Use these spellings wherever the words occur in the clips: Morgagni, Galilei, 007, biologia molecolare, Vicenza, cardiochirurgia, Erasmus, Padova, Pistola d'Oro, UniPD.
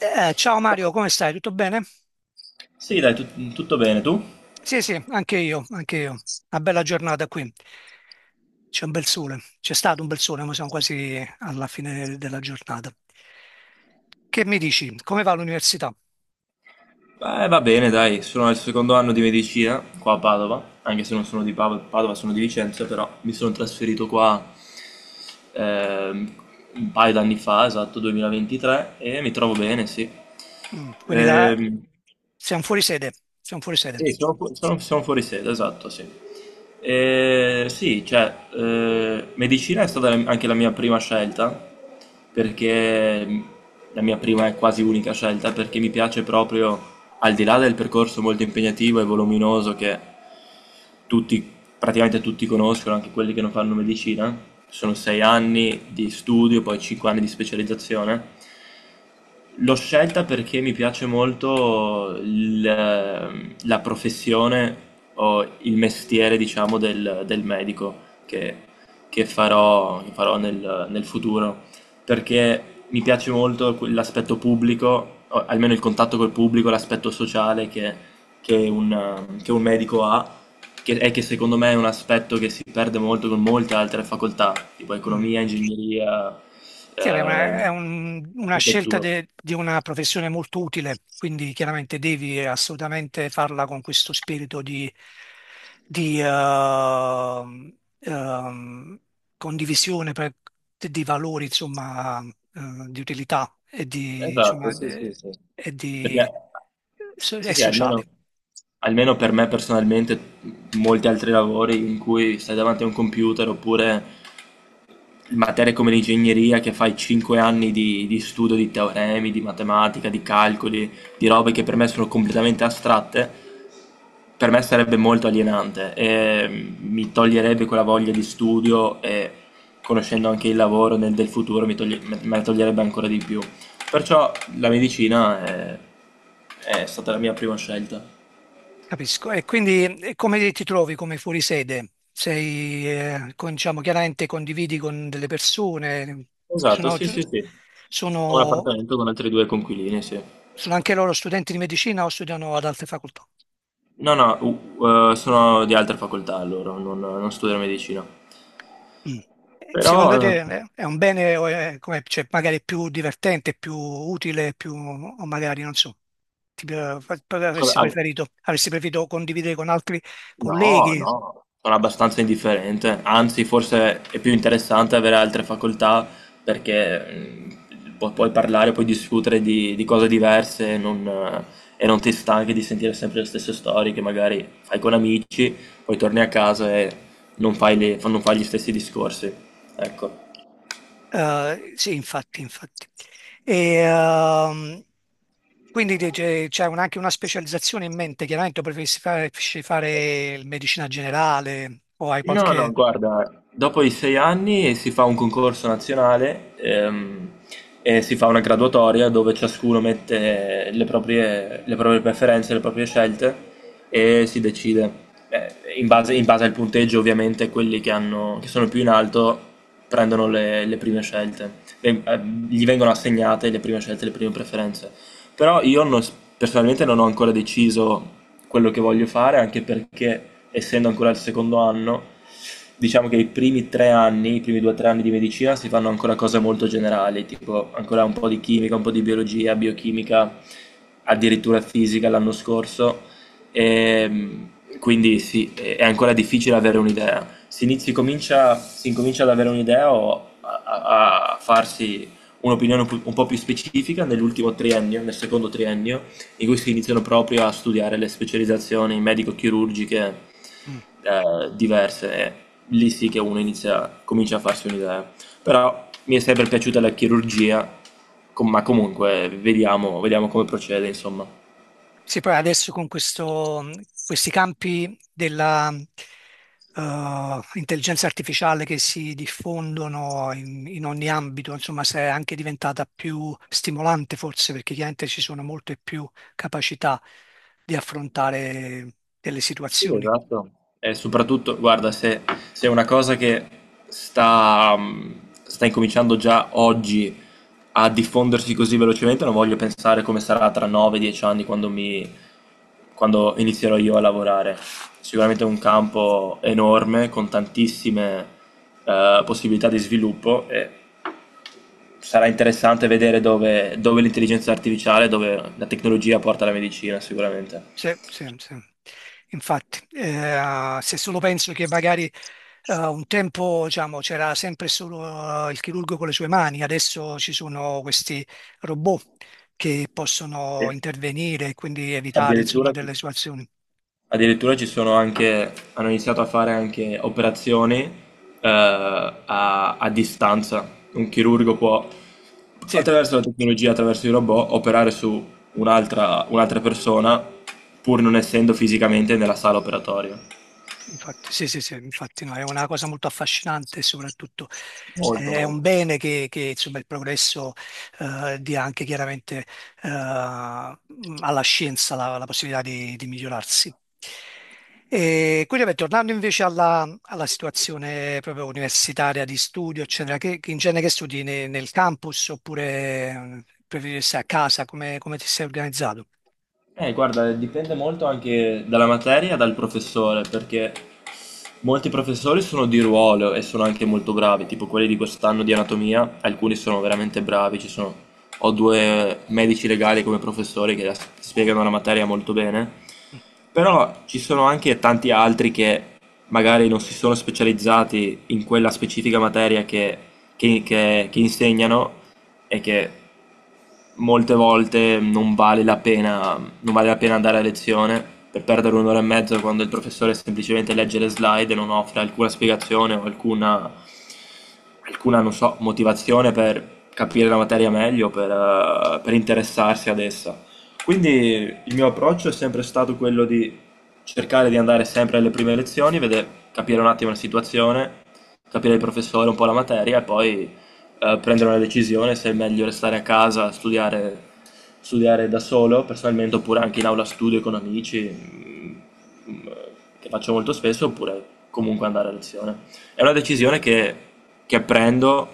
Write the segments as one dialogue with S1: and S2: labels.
S1: Ciao Mario,
S2: Ciao.
S1: come stai? Tutto bene?
S2: Sì, dai, tutto bene, tu?
S1: Sì, sì, anche io, anche io. Una bella giornata qui. C'è un bel sole. C'è stato un bel sole, ma siamo quasi alla fine della giornata. Che mi dici? Come va l'università?
S2: Beh, va bene, dai, sono al secondo anno di medicina qua a Padova, anche se non sono di Padova, sono di Vicenza, però mi sono trasferito qua ehm, un paio d'anni fa, esatto, 2023, e mi trovo bene, sì.
S1: Mm, quindi la...
S2: Ehm,
S1: Siamo fuori sede. Siamo fuori sede.
S2: Sì, sono fuori sede, esatto, sì. Sì, cioè, medicina è stata anche la mia prima scelta, perché la mia prima e quasi unica scelta, perché mi piace proprio, al di là del percorso molto impegnativo e voluminoso che tutti, praticamente tutti conoscono, anche quelli che non fanno medicina, sono 6 anni di studio, poi 5 anni di specializzazione. L'ho scelta perché mi piace molto la professione o il mestiere, diciamo, del medico che, che farò nel futuro, perché mi piace molto l'aspetto pubblico, o almeno il contatto col pubblico, l'aspetto sociale che un, che un medico ha, e che secondo me è un aspetto che si perde molto con molte altre facoltà, tipo
S1: Mm.
S2: economia, ingegneria,
S1: Sì, è una, è
S2: eh,
S1: un- una scelta
S2: architettura.
S1: di una professione molto utile, quindi chiaramente devi assolutamente farla con questo spirito di condivisione di valori, insomma, di utilità e di, insomma,
S2: Esatto, sì, sì, sì.
S1: e
S2: Perché,
S1: di,
S2: sì,
S1: e
S2: sì, almeno,
S1: sociali.
S2: per me personalmente, molti altri lavori in cui stai davanti a un computer oppure materie come l'ingegneria che fai 5 anni di studio di teoremi, di matematica, di calcoli, di robe che per me sono completamente astratte, per me sarebbe molto alienante e mi toglierebbe quella voglia di studio e conoscendo anche il lavoro del futuro mi toglie- me me la toglierebbe ancora di più. Perciò la medicina è stata la mia prima scelta.
S1: Capisco. E quindi come ti trovi come fuorisede? Sei, diciamo, chiaramente condividi con delle persone,
S2: Esatto,
S1: sono,
S2: sì, sì, sì. Ho un
S1: sono-
S2: appartamento con altri due coinquilini, sì.
S1: sono anche loro studenti di medicina o studiano ad altre facoltà?
S2: No, no, sono di altre facoltà loro, non studiano medicina.
S1: Mm. E
S2: Però,
S1: secondo te è un bene o è come, cioè, magari più divertente, più utile, più, o magari, non so,
S2: scusa,
S1: avresti preferito, avresti preferito condividere con altri
S2: no,
S1: colleghi?
S2: no, sono abbastanza indifferente. Anzi, forse è più interessante avere altre facoltà perché puoi parlare, puoi discutere di cose diverse e non ti stanchi di sentire sempre le stesse storie che magari fai con amici, poi torni a casa e non fai gli stessi discorsi. Ecco.
S1: Sì, infatti, infatti. E quindi c'è anche una specializzazione in mente, chiaramente, o preferisci fare il medicina generale o hai
S2: No, no,
S1: qualche.
S2: guarda, dopo i 6 anni si fa un concorso nazionale e si fa una graduatoria dove ciascuno mette le proprie preferenze, le proprie scelte e si decide. In base al punteggio, ovviamente, quelli che hanno, che sono più in alto prendono le prime scelte. Ven- eh, Gli vengono assegnate le prime scelte, le prime preferenze. Però io non s- personalmente non ho ancora deciso quello che voglio fare, anche perché essendo ancora al secondo anno, diciamo che i primi 3 anni, i primi 2 o 3 anni di medicina si fanno ancora cose molto generali, tipo ancora un po' di chimica, un po' di biologia, biochimica, addirittura fisica l'anno scorso. E, quindi sì, è ancora difficile avere un'idea. Si incomincia ad avere un'idea o a farsi un'opinione un po' più specifica nell'ultimo triennio, nel secondo triennio, in cui si iniziano proprio a studiare le specializzazioni medico-chirurgiche
S1: Mm.
S2: diverse, e lì sì che uno inizia, comincia a farsi un'idea. Però mi è sempre piaciuta la chirurgia, ma comunque vediamo, vediamo come procede, insomma.
S1: Sì, poi adesso con questi campi della intelligenza artificiale che si diffondono in ogni ambito, insomma, se è anche diventata più stimolante forse perché chiaramente ci sono molte più capacità di affrontare delle
S2: Sì,
S1: situazioni.
S2: esatto. E soprattutto, guarda, se è una cosa che sta incominciando già oggi a diffondersi così velocemente, non voglio pensare come sarà tra 9-10 anni quando inizierò io a lavorare. Sicuramente è un campo enorme, con tantissime, possibilità di sviluppo e sarà interessante vedere dove l'intelligenza artificiale, dove la tecnologia porta la medicina, sicuramente.
S1: Sì, sì, sì. Infatti, se solo penso che magari un tempo, diciamo, c'era sempre solo il chirurgo con le sue mani, adesso ci sono questi robot che
S2: E
S1: possono intervenire e quindi evitare, insomma,
S2: addirittura... sì.
S1: delle situazioni.
S2: Addirittura ci sono anche, hanno iniziato a fare anche operazioni a distanza. Un chirurgo può,
S1: Sì.
S2: attraverso la tecnologia, attraverso i robot, operare su un'altra persona pur non essendo fisicamente nella sala operatoria.
S1: Infatti, sì, sì, sì, infatti no, è una cosa molto affascinante e soprattutto
S2: Molto,
S1: è un
S2: molto.
S1: bene che, insomma, il progresso dia anche chiaramente alla scienza la possibilità di migliorarsi. E quindi, vabbè, tornando invece alla situazione proprio universitaria di studio, eccetera, che in genere che studi nel campus oppure preferisci stare a casa, come ti sei organizzato?
S2: Guarda, dipende molto anche dalla materia e dal professore, perché molti professori sono di ruolo e sono anche molto bravi, tipo quelli di quest'anno di anatomia, alcuni sono veramente bravi, ho due medici legali come professori che spiegano la materia molto bene, però ci sono anche tanti altri che magari non si sono specializzati in quella specifica materia che insegnano e che molte volte non vale la pena, non vale la pena andare a lezione per perdere un'ora e mezza quando il professore semplicemente legge le slide e non offre alcuna spiegazione o alcuna, non so, motivazione per capire la materia meglio, per interessarsi ad essa. Quindi il mio approccio è sempre stato quello di cercare di andare sempre alle prime lezioni, vedere, capire un attimo la situazione, capire il professore, un po' la materia e poi prendere una decisione se è meglio restare a casa, studiare, studiare da solo personalmente, oppure anche in aula studio con amici, che faccio molto spesso, oppure comunque andare a lezione. È una decisione che prendo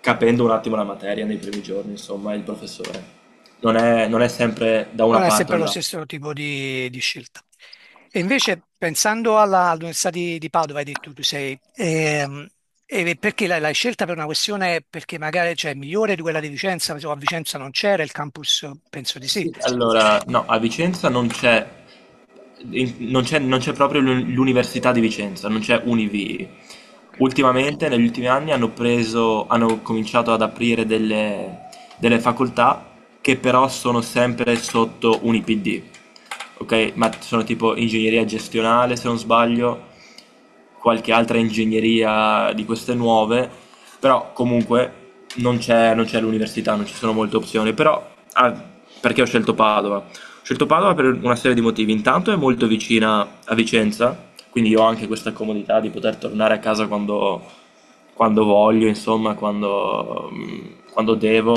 S2: capendo un attimo la materia nei primi giorni, insomma, il professore. Non è sempre da una
S1: Non è
S2: parte
S1: sempre
S2: o
S1: lo
S2: dall'altra.
S1: stesso tipo di scelta. E invece pensando all'Università di Padova, hai detto tu sei, e perché l'hai scelta per una questione, perché magari, cioè, è migliore di quella di Vicenza, insomma, a Vicenza non c'era il campus, penso di sì.
S2: Sì. Allora, no, a Vicenza non c'è in- non c'è non c'è proprio l'Università di Vicenza, non c'è Univi.
S1: Ok.
S2: Ultimamente, negli ultimi anni, hanno preso, hanno cominciato ad aprire delle facoltà che però sono sempre sotto UniPD, ok? Ma sono tipo ingegneria gestionale, se non sbaglio, qualche altra ingegneria di queste nuove, però comunque non c'è l'università, non ci sono molte opzioni, però perché ho scelto Padova? Ho scelto Padova per una serie di motivi. Intanto è molto vicina a Vicenza, quindi io ho anche questa comodità di poter tornare a casa quando voglio, insomma, quando devo,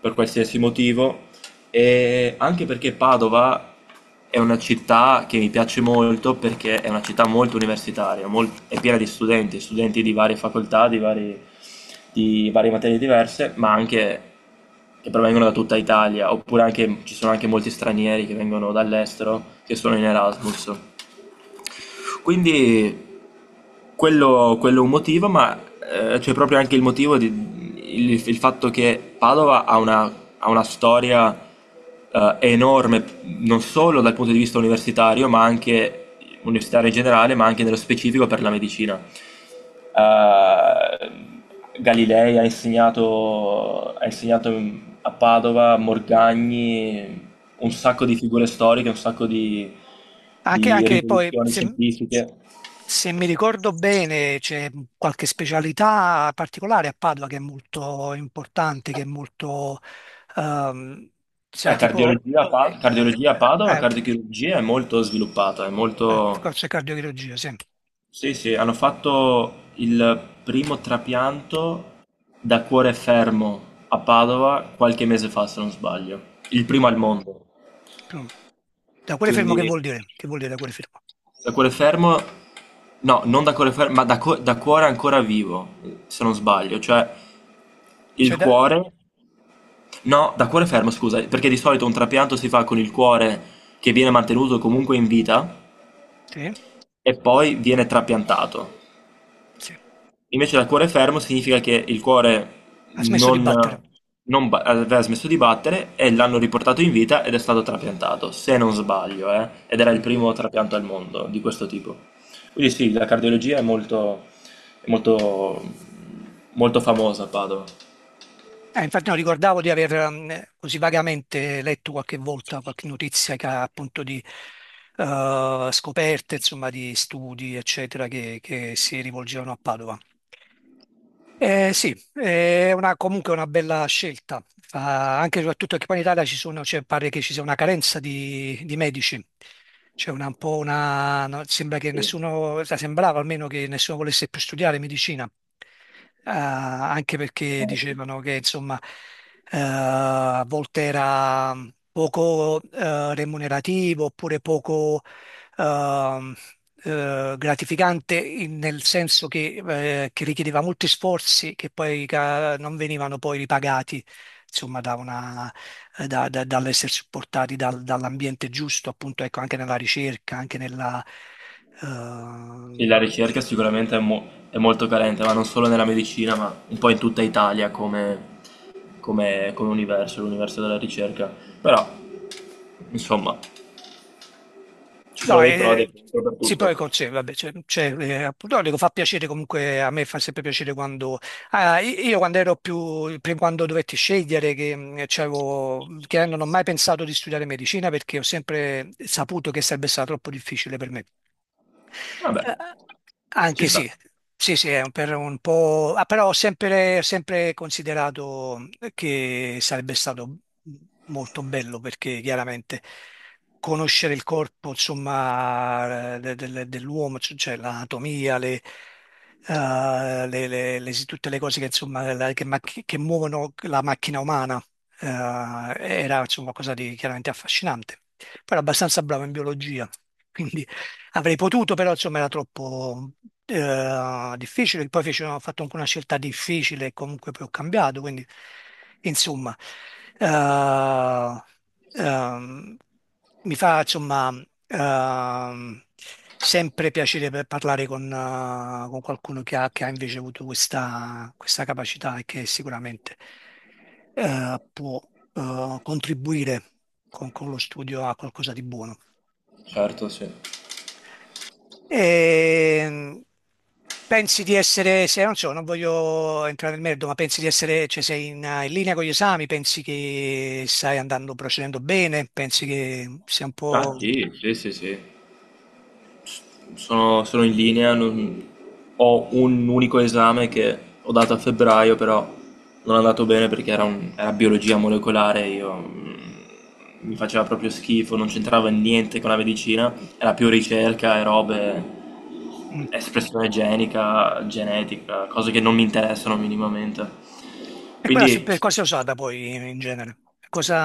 S2: per qualsiasi motivo. E anche perché Padova è una città che mi piace molto perché è una città molto universitaria, è piena di studenti, studenti di varie facoltà, di varie materie diverse, ma anche che provengono da tutta Italia, oppure anche, ci sono anche molti stranieri che vengono dall'estero, che sono in Erasmus. Quindi quello è un motivo, ma, c'è proprio anche il motivo di il fatto che Padova ha una storia, enorme, non solo dal punto di vista universitario, ma anche universitario in generale, ma anche nello specifico per la medicina. Ehm, Galilei ha insegnato, a Padova, Morgagni, un
S1: Mm.
S2: sacco di figure storiche, un sacco
S1: Anche,
S2: di
S1: anche poi,
S2: rivoluzioni
S1: se,
S2: scientifiche.
S1: se mi ricordo bene, c'è qualche specialità particolare a Padova che è molto importante, che è molto, ehm, sai,
S2: Beh,
S1: tipo, eh,
S2: Cardiologia a Padova,
S1: eh,
S2: cardiochirurgia è molto sviluppata, è molto...
S1: forse cardiochirurgia, sì.
S2: Sì, sì, hanno fatto il primo trapianto da cuore fermo a Padova qualche mese fa, se non sbaglio. Il primo al mondo.
S1: Mm. Da quale fermo che vuol
S2: Quindi
S1: dire? Che vuol dire da quale fermo?
S2: da cuore fermo... No, non da cuore fermo, ma da cuore ancora vivo, se non sbaglio. Cioè,
S1: Cioè
S2: il
S1: da-
S2: cuore... No, da cuore fermo, scusa, perché di solito un trapianto si fa con il cuore che viene mantenuto comunque in vita
S1: Sì,
S2: e poi viene trapiantato.
S1: sì.
S2: Invece dal cuore fermo significa che il cuore
S1: Ha smesso di
S2: non,
S1: battere.
S2: non ba- aveva smesso di battere e l'hanno riportato in vita ed è stato trapiantato, se non sbaglio, ed era il
S1: Mm.
S2: primo trapianto al mondo di questo tipo. Quindi sì, la cardiologia è molto, è molto, molto famosa a Padova.
S1: Infatti non ricordavo di aver così vagamente letto qualche volta qualche notizia che ha appunto di scoperte, insomma, di studi, eccetera, che si rivolgevano a Padova. Sì, è comunque una bella scelta, anche e soprattutto che poi in Italia ci sono, cioè, pare che ci sia una carenza di medici, c'è una, un po' una, no, sembra che
S2: Sì.
S1: nessuno, cioè, sembrava almeno che nessuno volesse più studiare medicina. Anche perché
S2: Eh sì.
S1: dicevano che insomma a volte era poco remunerativo oppure poco ehm, gratificante nel senso che richiedeva molti sforzi che poi non venivano poi ripagati, insomma, da una- da- da- dall'essere supportati dall'ambiente giusto, appunto, ecco, anche nella ricerca, anche nella,
S2: E la
S1: ehm,
S2: ricerca sicuramente è molto carente, ma non solo nella medicina, ma un po' in tutta Italia come universo, l'universo della ricerca. Però, insomma, ci
S1: No,
S2: sono dei pro e dei contro per
S1: sì, poi
S2: tutto.
S1: con sé, vabbè, cioè, appunto, no, dico, fa piacere comunque, a me fa sempre piacere quando. Ah, io quando ero prima quando dovetti scegliere, che non ho mai pensato di studiare medicina perché ho sempre saputo che sarebbe stato troppo difficile per me.
S2: Vabbè, ci
S1: Anche sì,
S2: sta.
S1: sì, sì, è per un po', ah, però ho sempre, sempre considerato che sarebbe stato molto bello perché chiaramente conoscere il corpo, insomma, dell'uomo, cioè l'anatomia, tutte le cose che, insomma, che muovono la macchina umana, eh, era insomma qualcosa di chiaramente affascinante. Poi era abbastanza bravo in biologia, quindi avrei potuto, però insomma era troppo difficile. Poi ho fatto anche una scelta difficile e comunque poi ho cambiato. Quindi, insomma, eh, ehm, mi fa insomma ehm, sempre piacere per parlare con qualcuno che ha invece avuto questa capacità e che sicuramente può contribuire con lo studio a qualcosa di buono.
S2: Certo, sì.
S1: E pensi di essere, se non so, non voglio entrare nel merito, ma pensi di essere, cioè sei in linea con gli esami, pensi che stai andando, procedendo bene, pensi che sia un
S2: Ah,
S1: po'.
S2: sì, sì, sì, sì. Sono in linea, ho un unico esame che ho dato a febbraio, però non è andato bene perché era biologia molecolare, io mi faceva proprio schifo, non c'entrava niente con la medicina, era più ricerca e robe,
S1: Mm.
S2: espressione genica, genetica, cose che non mi interessano minimamente.
S1: E quella. Sì.
S2: Quindi,
S1: Per
S2: sì,
S1: cosa è usata poi in genere?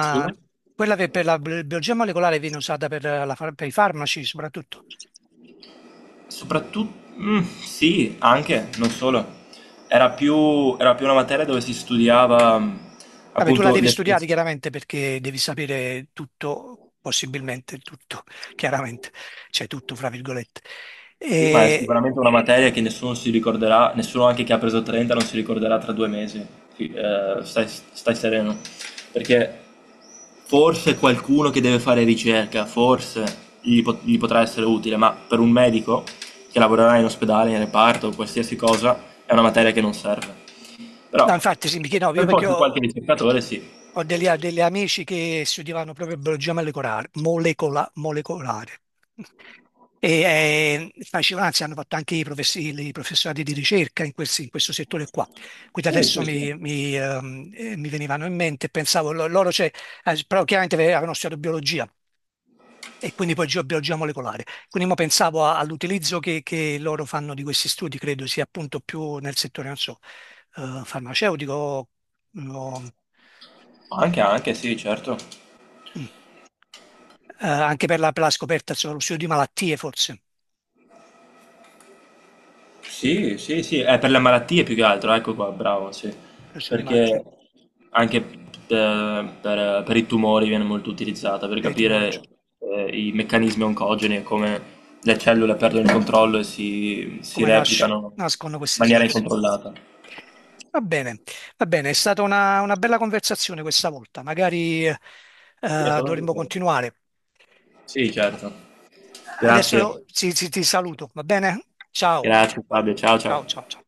S2: scusa?
S1: Quella che per la biologia molecolare viene usata per i farmaci soprattutto.
S2: Soprattutto, sì, anche, non solo. Era più una materia dove si studiava
S1: Vabbè, tu la
S2: appunto
S1: devi studiare
S2: l'espressione,
S1: chiaramente perché devi sapere tutto, possibilmente tutto, chiaramente, cioè tutto fra virgolette.
S2: ma è
S1: E,
S2: sicuramente una materia che nessuno si ricorderà, nessuno anche che ha preso 30 non si ricorderà tra 2 mesi. Stai sereno, perché forse qualcuno che deve fare ricerca, forse gli potrà essere utile, ma per un medico che lavorerà in ospedale, in reparto, qualsiasi cosa, è una materia che non serve.
S1: no,
S2: Però
S1: infatti sì, mi chiedevo, io
S2: per
S1: perché
S2: forse qualche
S1: ho,
S2: ricercatore sì.
S1: ho degli amici che studiavano proprio biologia molecolare. E, facevano, anzi, hanno fatto anche i professorati di ricerca in questo settore qua. Quindi
S2: Sì,
S1: adesso
S2: sì, sì.
S1: mi venivano in mente, pensavo, loro, cioè, però chiaramente avevano studiato biologia, e quindi poi geobiologia molecolare. Quindi mo pensavo all'utilizzo che loro fanno di questi studi, credo sia appunto più nel settore, non so, farmaceutico o-
S2: Anche, anche sì, certo.
S1: mm, anche per la scoperta, insomma, lo studio di malattie forse,
S2: Sì, sì, sì, è per le malattie più che altro, ecco qua, bravo, sì.
S1: per lo studio di
S2: Perché
S1: malattie,
S2: anche per i tumori viene molto utilizzata per
S1: per i tumori, cioè,
S2: capire i meccanismi oncogeni e come le cellule perdono il controllo e si
S1: come
S2: replicano
S1: nascono
S2: in
S1: queste
S2: maniera
S1: situazioni.
S2: incontrollata.
S1: Va bene, va bene, è stata una bella conversazione questa volta, magari
S2: Sì, è solo
S1: dovremmo
S2: perché-
S1: continuare.
S2: Sì, certo.
S1: Adesso
S2: Grazie.
S1: ti saluto, va bene? Ciao,
S2: Grazie Fabio, ciao ciao.
S1: ciao, ciao, ciao.